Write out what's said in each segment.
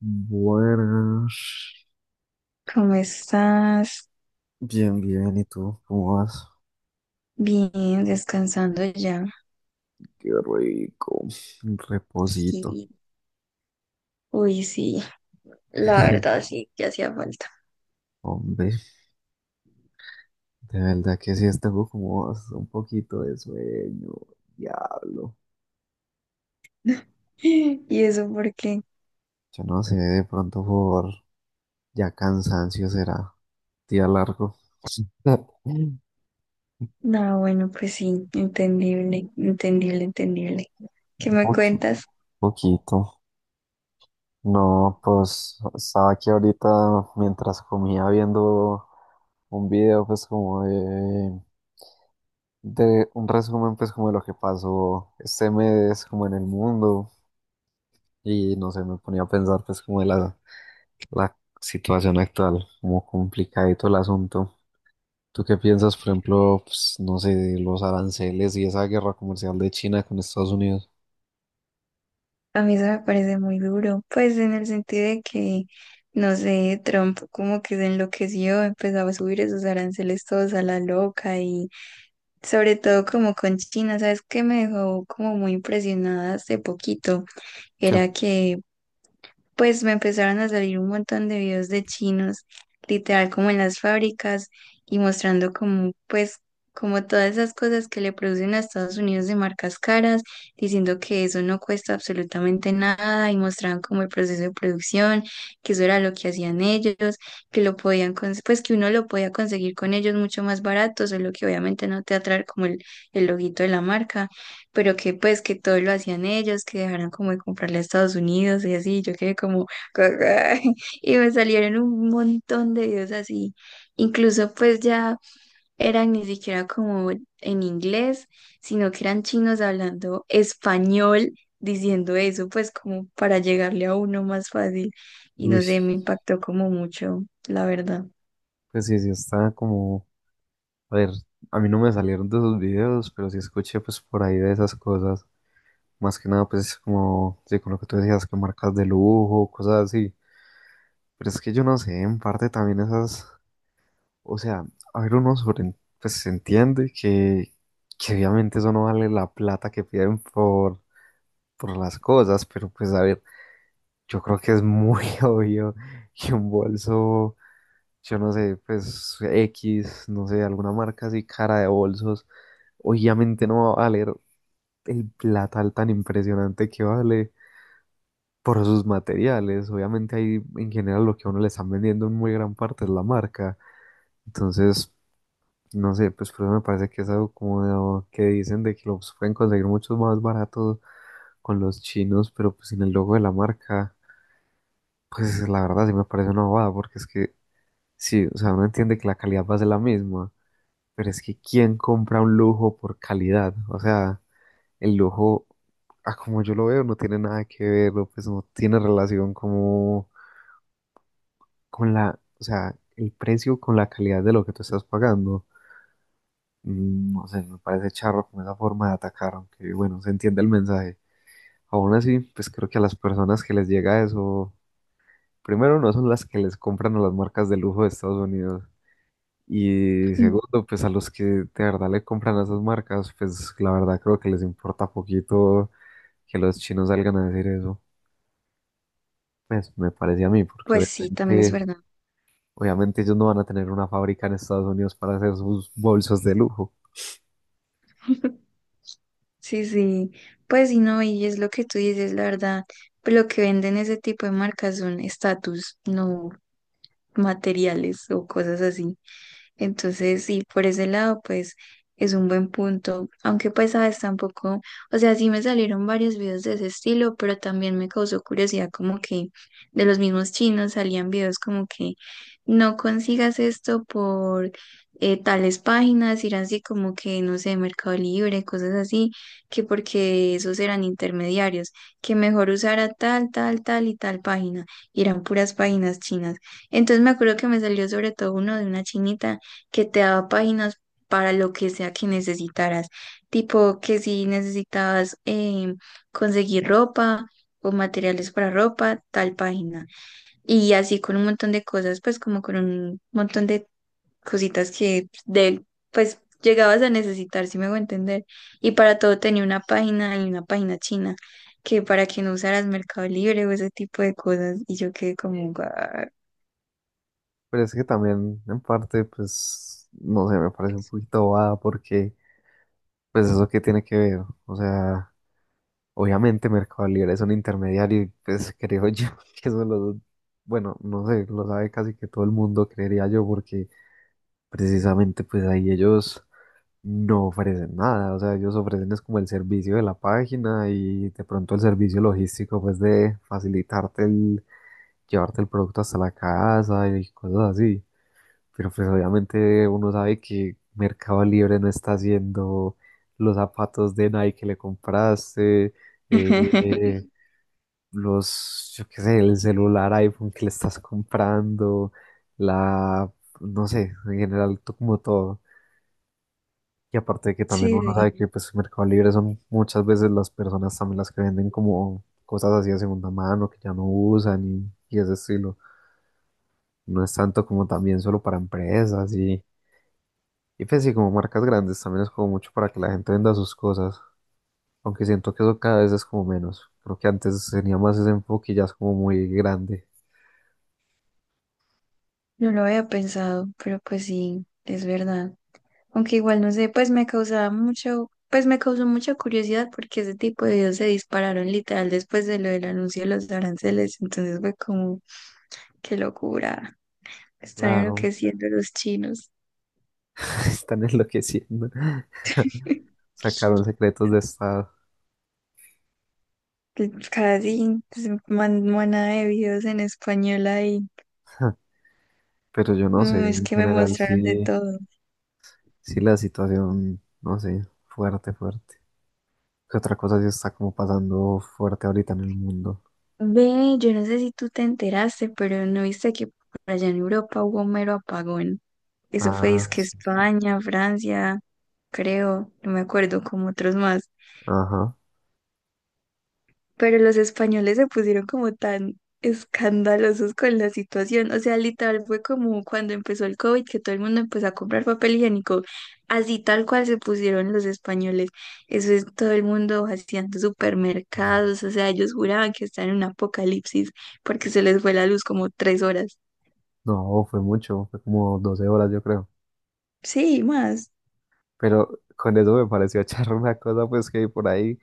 Buenas. ¿Cómo estás? Bien, bien. ¿Y tú? ¿Cómo vas? Bien, descansando ya. Qué rico. Un reposito. Y, uy, sí, la verdad sí, que hacía falta. Hombre, de verdad que sí, tengo como un poquito de sueño. Diablo. ¿Y eso por qué? Yo no sé, de pronto por ya cansancio será. Día largo. Un No, bueno, pues sí, entendible, entendible, entendible. ¿Qué me poqui- cuentas? poquito. No, pues estaba aquí ahorita mientras comía viendo un video, pues como de un resumen, pues, como de lo que pasó este mes, como en el mundo, y no sé, me ponía a pensar, pues, como de la situación actual, como complicadito el asunto. ¿Tú qué piensas, por ejemplo, pues, no sé, de los aranceles y esa guerra comercial de China con Estados Unidos? A mí eso me parece muy duro, pues en el sentido de que, no sé, Trump como que se enloqueció, empezaba a subir esos aranceles todos a la loca. Sobre todo como con China, ¿sabes qué me dejó como muy impresionada hace poquito? Que Era que pues me empezaron a salir un montón de videos de chinos, literal como en las fábricas y mostrando como pues como todas esas cosas que le producen a Estados Unidos de marcas caras, diciendo que eso no cuesta absolutamente nada y mostraban como el proceso de producción, que eso era lo que hacían ellos, que lo podían pues que uno lo podía conseguir con ellos mucho más barato, solo que obviamente no te atrae como el loguito de la marca, pero que pues que todo lo hacían ellos, que dejaran como de comprarle a Estados Unidos y así, yo quedé como, y me salieron un montón de videos así, incluso pues ya eran ni siquiera como en inglés, sino que eran chinos hablando español, diciendo eso, pues como para llegarle a uno más fácil, y no uy, sé, me impactó como mucho, la verdad. pues sí, sí, está como, a ver, a mí no me salieron de esos videos, pero sí escuché, pues, por ahí de esas cosas. Más que nada, pues, como, sí, con lo que tú decías, que marcas de lujo, cosas así. Pero es que yo no sé, en parte también esas, o sea, a ver, uno sobre, pues se entiende que obviamente eso no vale la plata que piden por las cosas, pero pues a ver, yo creo que es muy obvio que un bolso, yo no sé, pues X, no sé, alguna marca así cara de bolsos, obviamente no va a valer el platal tan impresionante que vale por sus materiales. Obviamente ahí en general lo que a uno le están vendiendo en muy gran parte es la marca. Entonces, no sé, pues por eso me parece que es algo como o que dicen de que los pueden conseguir muchos más baratos con los chinos, pero pues sin el logo de la marca, pues la verdad sí me parece una bobada, porque es que sí, o sea, uno entiende que la calidad va a ser la misma, pero es que ¿quién compra un lujo por calidad? O sea, el lujo, a como yo lo veo, no tiene nada que ver, o, pues no tiene relación como con la, o sea, el precio con la calidad de lo que tú estás pagando. No sé, me parece charro como esa forma de atacar, aunque bueno, se entiende el mensaje. Aún así, pues creo que a las personas que les llega eso, primero no son las que les compran a las marcas de lujo de Estados Unidos. Y segundo, pues a los que de verdad le compran a esas marcas, pues la verdad creo que les importa poquito que los chinos salgan a decir eso. Pues me parece a mí, porque Pues sí, también es obviamente, verdad. obviamente ellos no van a tener una fábrica en Estados Unidos para hacer sus bolsos de lujo. Sí, sí, pues sí, no, y es lo que tú dices, la verdad, pues lo que venden ese tipo de marcas son estatus, no materiales o cosas así. Entonces, sí, por ese lado, pues es un buen punto. Aunque pues, sabes, tampoco, o sea, sí me salieron varios videos de ese estilo, pero también me causó curiosidad como que de los mismos chinos salían videos como que no consigas esto por tales páginas, ir así como que, no sé, Mercado Libre, cosas así, que porque esos eran intermediarios, que mejor usara tal, tal, tal y tal página, y eran puras páginas chinas. Entonces me acuerdo que me salió sobre todo uno de una chinita que te daba páginas para lo que sea que necesitaras. Tipo que si necesitabas conseguir ropa o materiales para ropa, tal página. Y así con un montón de cosas, pues como con un montón de cositas que de, pues llegabas a necesitar, si me hago entender. Y para todo tenía una página y una página china, que para que no usaras Mercado Libre o ese tipo de cosas. Y yo quedé como, "Guau". Pero es que también, en parte, pues, no sé, me parece un poquito bobada porque, pues, eso qué tiene que ver. O sea, obviamente Mercado Libre es un intermediario y, pues, creo yo que eso lo, bueno, no sé, lo sabe casi que todo el mundo, creería yo, porque precisamente, pues, ahí ellos no ofrecen nada. O sea, ellos ofrecen es como el servicio de la página y de pronto el servicio logístico, pues, de facilitarte el llevarte el producto hasta la casa y cosas así. Pero pues obviamente uno sabe que Mercado Libre no está haciendo los zapatos de Nike que le compraste, eh, los, yo qué sé, el celular iPhone que le estás comprando, la, no sé, en general como todo. Y aparte de que también Sí, uno sí. sabe que pues Mercado Libre son muchas veces las personas también las que venden como cosas así de segunda mano que ya no usan y ese estilo. No es tanto como también solo para empresas y pues sí, como marcas grandes también es como mucho para que la gente venda sus cosas, aunque siento que eso cada vez es como menos. Creo que antes tenía más ese enfoque y ya es como muy grande. No lo había pensado, pero pues sí, es verdad. Aunque igual no sé, pues me causaba mucho, pues me causó mucha curiosidad porque ese tipo de videos se dispararon literal después de lo del anuncio de los aranceles. Entonces fue como, qué locura, están Claro, enloqueciendo los chinos. están enloqueciendo. Sacaron secretos de estado. Casi pues, manada de videos en español ahí. Pero yo no sé, Mm, es en que me general mostraron de sí, todo. sí la situación, no sé, fuerte, fuerte. ¿Qué otra cosa sí está como pasando fuerte ahorita en el mundo? Ve, yo no sé si tú te enteraste, pero no viste que por allá en Europa hubo un mero apagón. Eso fue Ah, que sí, sí. España, Francia, creo, no me acuerdo, como otros más. Ajá. Pero los españoles se pusieron como tan escandalosos con la situación. O sea, literal fue como cuando empezó el COVID, que todo el mundo empezó a comprar papel higiénico. Así tal cual se pusieron los españoles. Eso es todo el mundo vaciando supermercados. O sea, ellos juraban que estaban en un apocalipsis porque se les fue la luz como 3 horas. No, fue mucho, fue como 12 horas yo creo. Sí, más. Pero con eso me pareció charro una cosa, pues que hay por ahí,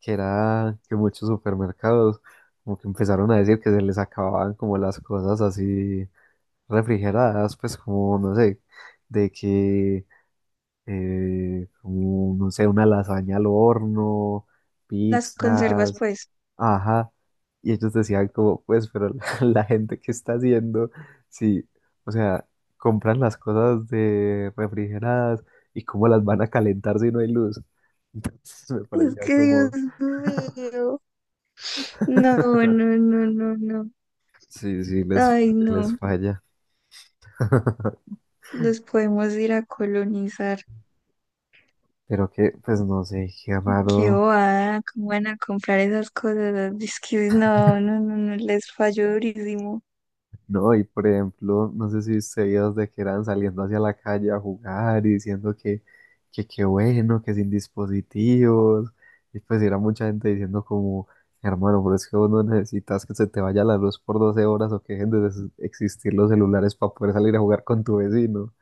que era que muchos supermercados como que empezaron a decir que se les acababan como las cosas así refrigeradas, pues como, no sé, de que, como, no sé, una lasaña al horno, Las conservas, pizzas. pues. Ajá. Y ellos decían como, pues, pero la, la gente que está haciendo, sí, o sea, compran las cosas de refrigeradas y cómo las van a calentar si no hay luz. Entonces me Es parecía que Dios como, mío. No, no, no, no, no. sí, sí, les, Ay, les no. falla. Los podemos ir a colonizar. Pero que, pues no sé, qué Qué raro. bobada, cómo van a comprar esas cosas. Ah, es que no, no, no, no, les falló durísimo. No, y por ejemplo, no sé si ustedes de que eran saliendo hacia la calle a jugar y diciendo que qué bueno, que sin dispositivos. Y pues era mucha gente diciendo como, hermano, pero es que vos no necesitas que se te vaya la luz por 12 horas o que dejen de existir los celulares para poder salir a jugar con tu vecino.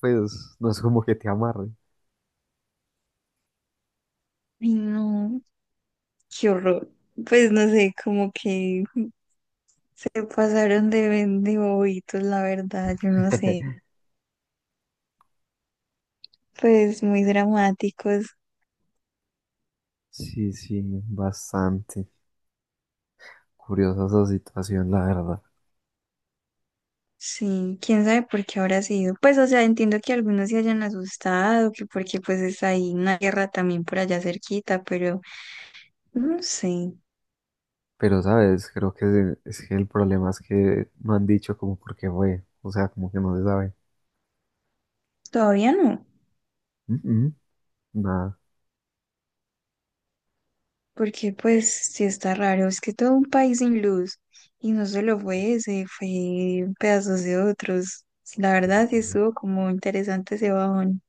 Pues no es como que te amarre. Ay, no, qué horror. Pues no sé, como que se pasaron de, de bobitos, la verdad, yo no sé. Pues muy dramáticos. Sí, sí, bastante curiosa esa situación, la verdad. Sí, quién sabe por qué habrá sido. Pues, o sea, entiendo que algunos se hayan asustado, que porque pues está ahí una guerra también por allá cerquita, pero no sé, Pero, ¿sabes? Creo que es que el problema es que no han dicho como por qué fue. O sea, como que no se sabe. todavía no. Mm, mm, Nada. Porque pues sí está raro, es que todo un país sin luz y no solo fue ese, fue pedazos de otros. La verdad sí estuvo como interesante ese bajón.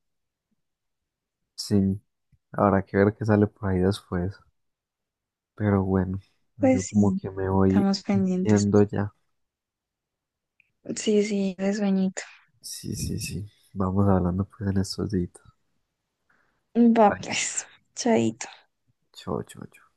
Sí, habrá que ver qué sale por ahí después. Pero bueno, yo Pues como sí, que me voy estamos pendientes. yendo ya. Sí, sí, de sueñito. Sí, sí, sí. Vamos hablando pues en estos días. Va Vale. pues, chaito. Chao, chao, chao.